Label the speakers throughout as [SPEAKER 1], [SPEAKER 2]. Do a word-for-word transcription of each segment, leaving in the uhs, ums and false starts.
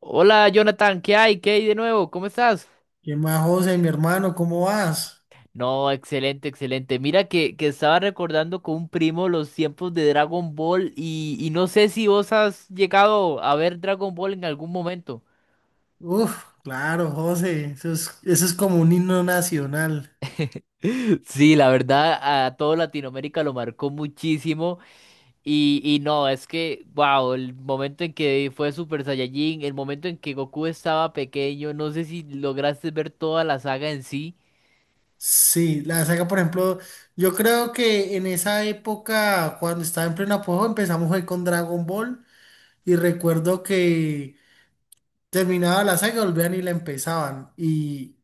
[SPEAKER 1] Hola Jonathan, ¿qué hay? ¿Qué hay de nuevo? ¿Cómo estás?
[SPEAKER 2] ¿Qué más, José, mi hermano? ¿Cómo vas?
[SPEAKER 1] No, excelente, excelente. Mira que, que estaba recordando con un primo los tiempos de Dragon Ball y, y no sé si vos has llegado a ver Dragon Ball en algún momento.
[SPEAKER 2] Uf, claro, José, eso es, eso es como un himno nacional.
[SPEAKER 1] Sí, la verdad, a todo Latinoamérica lo marcó muchísimo. Y, y no, es que, wow, el momento en que fue Super Saiyajin, el momento en que Goku estaba pequeño, no sé si lograste ver toda la saga en sí.
[SPEAKER 2] Sí, la saga, por ejemplo, yo creo que en esa época, cuando estaba en pleno apogeo, empezamos fue con Dragon Ball y recuerdo que terminaba la saga, volvían y la empezaban. Y,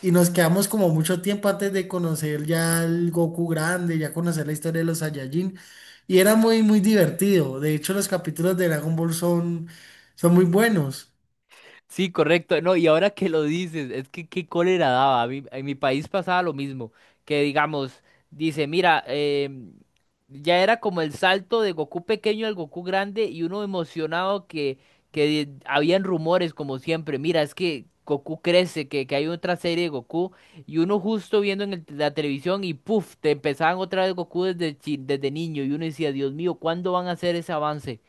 [SPEAKER 2] Y nos quedamos como mucho tiempo antes de conocer ya el Goku grande, ya conocer la historia de los Saiyajin. Y era muy, muy divertido. De hecho, los capítulos de Dragon Ball son, son muy buenos.
[SPEAKER 1] Sí, correcto. No, y ahora que lo dices, es que qué cólera daba. A mí- en mi país pasaba lo mismo. Que digamos, dice, mira, em, ya era como el salto de Goku pequeño al Goku grande y uno emocionado que, que habían rumores como siempre. Mira, es que Goku crece, que, que hay otra serie de Goku y uno justo viendo en el- la televisión y puff, te empezaban otra vez Goku desde, chi- desde niño y uno decía, Dios mío, ¿cuándo van a hacer ese avance?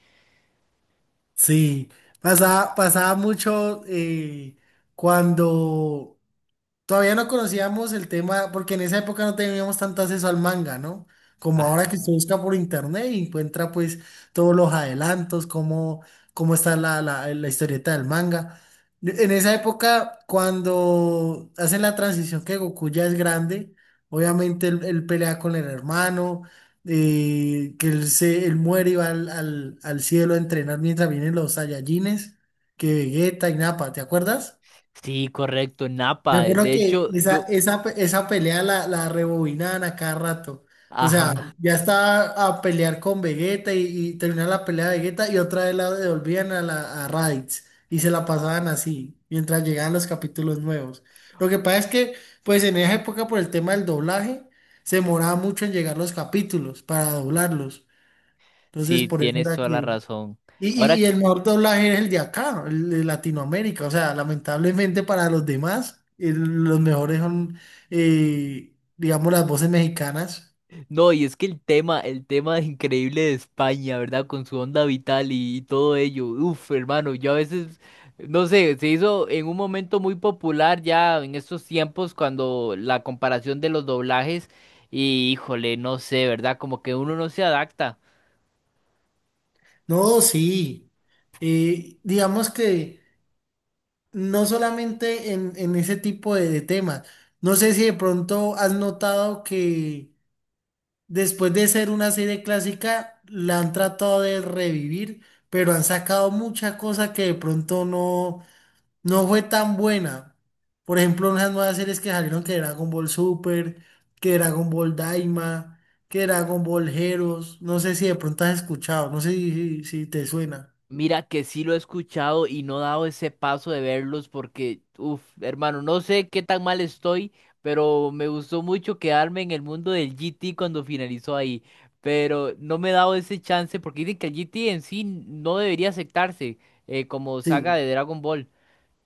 [SPEAKER 2] Sí, pasaba, pasaba mucho eh, cuando todavía no conocíamos el tema, porque en esa época no teníamos tanto acceso al manga, ¿no? Como ahora que se
[SPEAKER 1] Ajá.
[SPEAKER 2] busca por internet y encuentra pues todos los adelantos, cómo, cómo está la, la, la historieta del manga. En esa época, cuando hacen la transición que Goku ya es grande, obviamente él, él pelea con el hermano, eh, que él, se, él muere y va al, al, al cielo a entrenar mientras vienen los Saiyajines, que Vegeta y Nappa, ¿te acuerdas?
[SPEAKER 1] Sí, correcto, Napa.
[SPEAKER 2] Yo creo
[SPEAKER 1] De
[SPEAKER 2] que
[SPEAKER 1] hecho,
[SPEAKER 2] esa,
[SPEAKER 1] yo,
[SPEAKER 2] esa, pe- esa pelea la, la rebobinaban a cada rato. O sea,
[SPEAKER 1] ajá,
[SPEAKER 2] ya estaba a pelear con Vegeta y, y terminaba la pelea de Vegeta y otra vez la devolvían a, la, a Raditz y se la pasaban así mientras llegaban los capítulos nuevos. Lo que pasa es que, pues en esa época por el tema del doblaje, se demoraba mucho en llegar los capítulos para doblarlos. Entonces,
[SPEAKER 1] sí,
[SPEAKER 2] por eso
[SPEAKER 1] tienes
[SPEAKER 2] era
[SPEAKER 1] toda
[SPEAKER 2] que...
[SPEAKER 1] la razón.
[SPEAKER 2] Y, y-
[SPEAKER 1] Ahora,
[SPEAKER 2] y el mejor doblaje es el de acá, el de Latinoamérica. O sea, lamentablemente para los demás, el- los mejores son, eh, digamos, las voces mexicanas.
[SPEAKER 1] no, y es que el tema, el tema increíble de España, ¿verdad? Con su onda vital y, y todo ello. Uf, hermano, yo a veces, no sé, se hizo en un momento muy popular ya en estos tiempos cuando la comparación de los doblajes y híjole, no sé, ¿verdad? Como que uno no se adapta.
[SPEAKER 2] No, sí. Eh, digamos que no solamente en, en ese tipo de, de temas. No sé si de pronto has notado que después de ser una serie clásica, la han tratado de revivir, pero han sacado mucha cosa que de pronto no. no fue tan buena. Por ejemplo, unas nuevas series que salieron que Dragon Ball Super, que Dragon Ball Daima, que Dragon Ball Heroes. No sé si de pronto has escuchado, no sé si, si- si te suena.
[SPEAKER 1] Mira que sí lo he escuchado y no he dado ese paso de verlos porque, uff, hermano, no sé qué tan mal estoy, pero me gustó mucho quedarme en el mundo del G T cuando finalizó ahí. Pero no me he dado ese chance porque dicen que el G T en sí no debería aceptarse eh, como saga
[SPEAKER 2] Sí,
[SPEAKER 1] de Dragon Ball.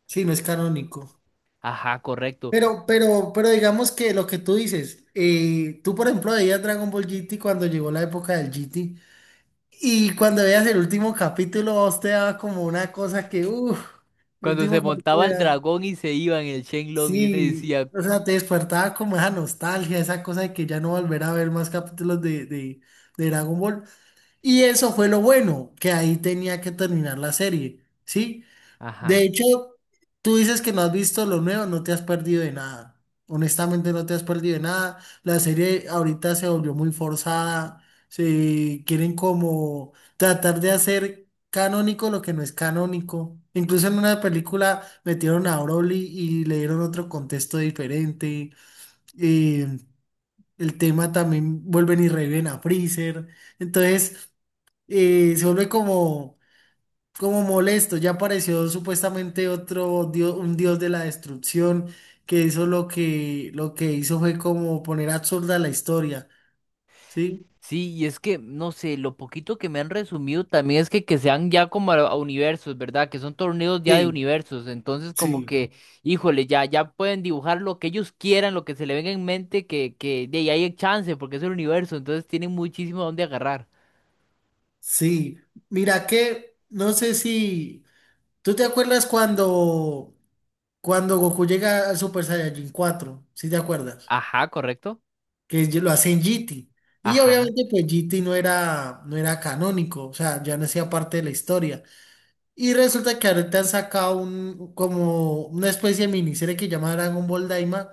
[SPEAKER 2] sí, no es canónico.
[SPEAKER 1] Ajá, correcto.
[SPEAKER 2] Pero, pero, pero digamos que lo que tú dices, eh, tú por ejemplo veías Dragon Ball G T cuando llegó la época del G T y cuando veías el último capítulo a vos te daba como una cosa que, uff, el
[SPEAKER 1] Cuando se
[SPEAKER 2] último
[SPEAKER 1] montaba
[SPEAKER 2] capítulo
[SPEAKER 1] el
[SPEAKER 2] era...
[SPEAKER 1] dragón y se iba en el Shenlong y uno
[SPEAKER 2] Sí,
[SPEAKER 1] decía,
[SPEAKER 2] o sea, te despertaba como esa nostalgia, esa cosa de que ya no volver a ver más capítulos de, de, de Dragon Ball. Y eso fue lo bueno, que ahí tenía que terminar la serie, ¿sí? De
[SPEAKER 1] ajá.
[SPEAKER 2] hecho, tú dices que no has visto lo nuevo, no te has perdido de nada. Honestamente, no te has perdido de nada. La serie ahorita se volvió muy forzada. Se quieren como tratar de hacer canónico lo que no es canónico. Incluso en una película metieron a Broly y le dieron otro contexto diferente. Eh, el tema también vuelven y reviven a Freezer. Entonces, eh, se vuelve como como molesto. Ya apareció supuestamente otro dios, un dios de la destrucción que hizo lo que, lo que hizo fue como poner absurda la historia, ¿sí?
[SPEAKER 1] Sí, y es que, no sé, lo poquito que me han resumido también es que, que sean ya como a, a universos, ¿verdad? Que son torneos ya de
[SPEAKER 2] Sí,
[SPEAKER 1] universos. Entonces, como
[SPEAKER 2] sí,
[SPEAKER 1] que, híjole, ya, ya pueden dibujar lo que ellos quieran, lo que se le venga en mente, que, que de ahí hay chance, porque es el universo. Entonces tienen muchísimo donde agarrar.
[SPEAKER 2] sí. Mira que, no sé si, ¿tú te acuerdas cuando, cuando Goku llega al Super Saiyajin cuatro? ¿Sí te acuerdas?
[SPEAKER 1] Ajá, correcto.
[SPEAKER 2] Que lo hacen G T. Y
[SPEAKER 1] Ajá,
[SPEAKER 2] obviamente pues G T no era, no era canónico, o sea, ya no hacía parte de la historia. Y resulta que ahorita han sacado un, como una especie de miniserie que llama Dragon Ball Daima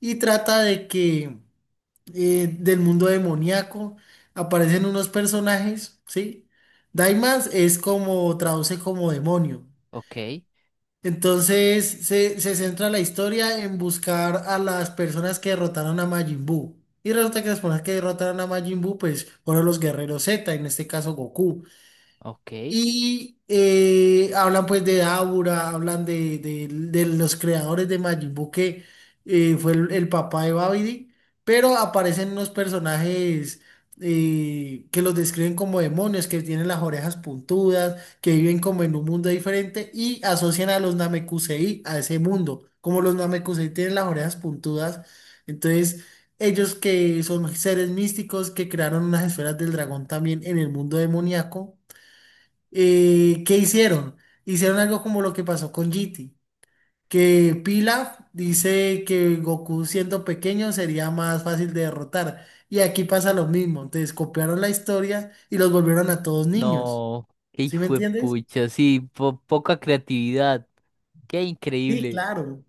[SPEAKER 2] y trata de que eh, del mundo demoníaco aparecen unos personajes, ¿sí? Daima es como, traduce como demonio.
[SPEAKER 1] ok,
[SPEAKER 2] Entonces se, se centra la historia en buscar a las personas que derrotaron a Majin Buu. Y resulta que las personas que derrotaron a Majin Buu pues fueron los guerreros Z, en este caso Goku.
[SPEAKER 1] ok.
[SPEAKER 2] Y eh, hablan pues de Aura, hablan de, de- de los creadores de Majin Buu, que eh, fue el, el papá de Babidi, pero aparecen unos personajes eh, que los describen como demonios, que tienen las orejas puntudas, que viven como en un mundo diferente y asocian a los Namekusei a ese mundo. Como los Namekusei tienen las orejas puntudas, entonces ellos que son seres místicos que crearon unas esferas del dragón también en el mundo demoníaco eh, ¿qué hicieron? Hicieron algo como lo que pasó con G T, que Pilaf dice que Goku siendo pequeño sería más fácil de derrotar. Y aquí pasa lo mismo, entonces copiaron la historia y los volvieron a todos niños.
[SPEAKER 1] No, qué
[SPEAKER 2] ¿Sí me
[SPEAKER 1] hijo de
[SPEAKER 2] entiendes?
[SPEAKER 1] pucha, sí, po- poca creatividad. Qué
[SPEAKER 2] Sí,
[SPEAKER 1] increíble.
[SPEAKER 2] claro.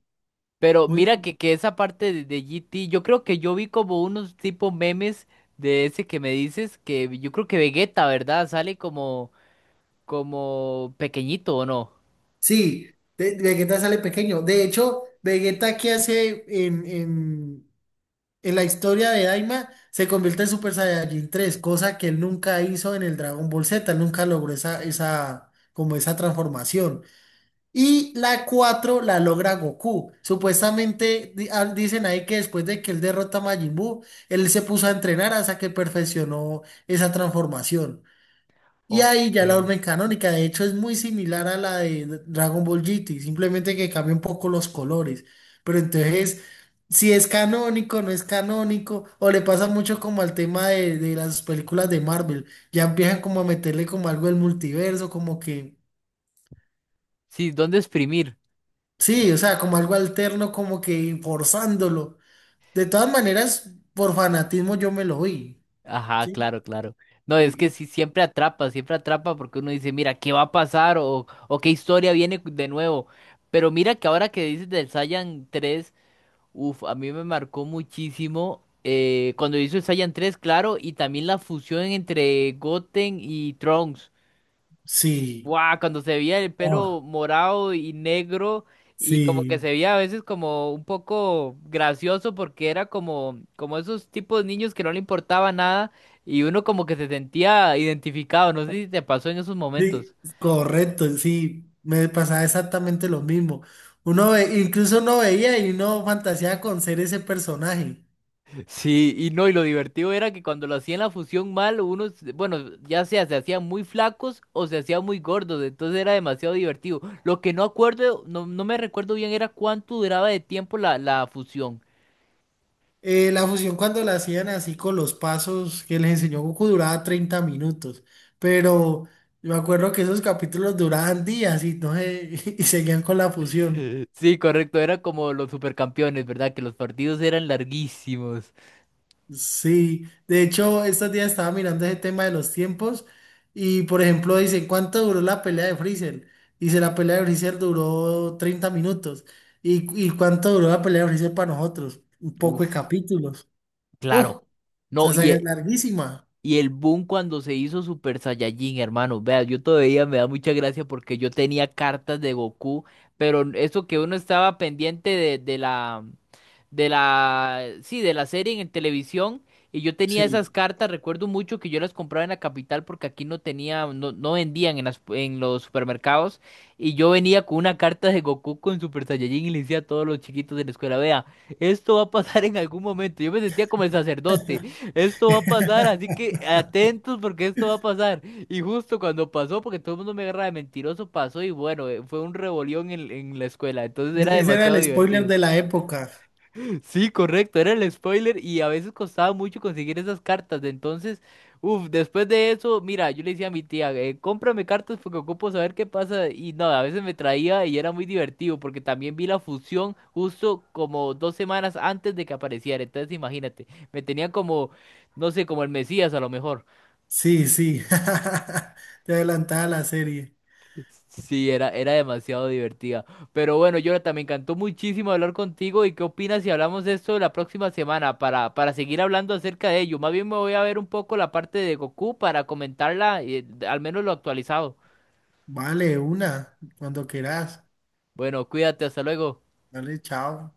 [SPEAKER 1] Pero
[SPEAKER 2] Muy...
[SPEAKER 1] mira que, que esa parte de, de G T yo creo que yo vi como unos tipo memes de ese que me dices, que yo creo que Vegeta, ¿verdad? Sale como, como pequeñito, ¿o no?
[SPEAKER 2] Sí, de- Vegeta sale pequeño. De hecho, Vegeta que hace en en, En la historia de Daima se convierte en Super Saiyajin tres, cosa que él nunca hizo en el Dragon Ball Z, él nunca logró esa, esa, como esa transformación. Y la cuatro la logra Goku. Supuestamente di- ah, dicen ahí que después de que él derrota a Majin Buu, él se puso a entrenar hasta que perfeccionó esa transformación. Y
[SPEAKER 1] Ok.
[SPEAKER 2] ahí ya la vuelven canónica, de hecho es muy similar a la de Dragon Ball G T, simplemente que cambia un poco los colores. Pero entonces, si es canónico, no es canónico, o le pasa mucho como al tema de, de las películas de Marvel, ya empiezan como a meterle como algo del multiverso, como que,
[SPEAKER 1] Sí, ¿dónde exprimir?
[SPEAKER 2] sí, o sea, como algo alterno, como que forzándolo. De todas maneras, por fanatismo yo me lo vi,
[SPEAKER 1] Ajá,
[SPEAKER 2] ¿sí?
[SPEAKER 1] claro, claro. No, es
[SPEAKER 2] Y,
[SPEAKER 1] que
[SPEAKER 2] y-
[SPEAKER 1] sí, siempre atrapa, siempre atrapa porque uno dice, mira, ¿qué va a pasar? O, o qué historia viene de nuevo. Pero mira que ahora que dices del Saiyan tres, uf, a mí me marcó muchísimo eh, cuando hizo el Saiyan tres claro, y también la fusión entre Goten y Trunks.
[SPEAKER 2] sí,
[SPEAKER 1] Guau, cuando se veía el
[SPEAKER 2] oh,
[SPEAKER 1] pelo morado y negro y como que
[SPEAKER 2] sí.
[SPEAKER 1] se veía a veces como un poco gracioso porque era como, como esos tipos de niños que no le importaba nada y uno como que se sentía identificado. No sé si te pasó en esos momentos.
[SPEAKER 2] Sí, correcto, sí, me pasaba exactamente lo mismo. Uno ve, incluso uno veía y uno fantaseaba con ser ese personaje.
[SPEAKER 1] Sí, y no, y lo divertido era que cuando lo hacían la fusión mal, unos, bueno, ya sea se hacían muy flacos o se hacían muy gordos, entonces era demasiado divertido. Lo que no acuerdo, no, no me recuerdo bien era cuánto duraba de tiempo la, la fusión.
[SPEAKER 2] Eh, la fusión cuando la hacían así con los pasos que les enseñó Goku duraba treinta minutos, pero yo me acuerdo que esos capítulos duraban días y no sé, y seguían con la fusión.
[SPEAKER 1] Sí, correcto, era como los supercampeones, ¿verdad? Que los partidos eran larguísimos.
[SPEAKER 2] Sí, de hecho, estos días estaba mirando ese tema de los tiempos y, por ejemplo, dicen, ¿cuánto duró la pelea de Freezer? Dice, la pelea de Freezer duró treinta minutos. ¿Y, y cuánto duró la pelea de Freezer para nosotros? Un poco de
[SPEAKER 1] Uf,
[SPEAKER 2] capítulos. Uf,
[SPEAKER 1] claro. No,
[SPEAKER 2] esa saga
[SPEAKER 1] y,
[SPEAKER 2] es larguísima.
[SPEAKER 1] Y el boom cuando se hizo Super Saiyajin, hermano. Vea, yo todavía me da mucha gracia porque yo tenía cartas de Goku, pero eso que uno estaba pendiente de, de la, de la, sí, de la serie en televisión. Y yo tenía esas
[SPEAKER 2] Sí.
[SPEAKER 1] cartas, recuerdo mucho que yo las compraba en la capital porque aquí no tenía, no, no vendían en las, en los supermercados. Y yo venía con una carta de Goku con Super Saiyajin y le decía a todos los chiquitos de la escuela, vea, esto va a pasar en algún momento. Yo me sentía como el sacerdote. Esto va a pasar, así que atentos porque esto va a pasar. Y justo cuando pasó, porque todo el mundo me agarra de mentiroso, pasó y bueno, eh, fue un rebolión en, en la escuela. Entonces era
[SPEAKER 2] E- ese era
[SPEAKER 1] demasiado
[SPEAKER 2] el spoiler
[SPEAKER 1] divertido.
[SPEAKER 2] de la época.
[SPEAKER 1] Sí, correcto, era el spoiler y a veces costaba mucho conseguir esas cartas. Entonces, uff, después de eso, mira, yo le decía a mi tía, eh, cómprame cartas porque ocupo saber qué pasa. Y no, a veces me traía y era muy divertido porque también vi la fusión justo como dos semanas antes de que apareciera. Entonces, imagínate, me tenía como, no sé, como el Mesías a lo mejor.
[SPEAKER 2] Sí, sí. Te adelantaba la serie.
[SPEAKER 1] Sí, era, era demasiado divertida. Pero bueno, Jonathan, me encantó muchísimo hablar contigo. ¿Y qué opinas si hablamos de esto la próxima semana para, para seguir hablando acerca de ello? Más bien me voy a ver un poco la parte de Goku para comentarla, eh, al menos lo actualizado.
[SPEAKER 2] Vale, una, cuando quieras.
[SPEAKER 1] Bueno, cuídate, hasta luego.
[SPEAKER 2] Vale, chao.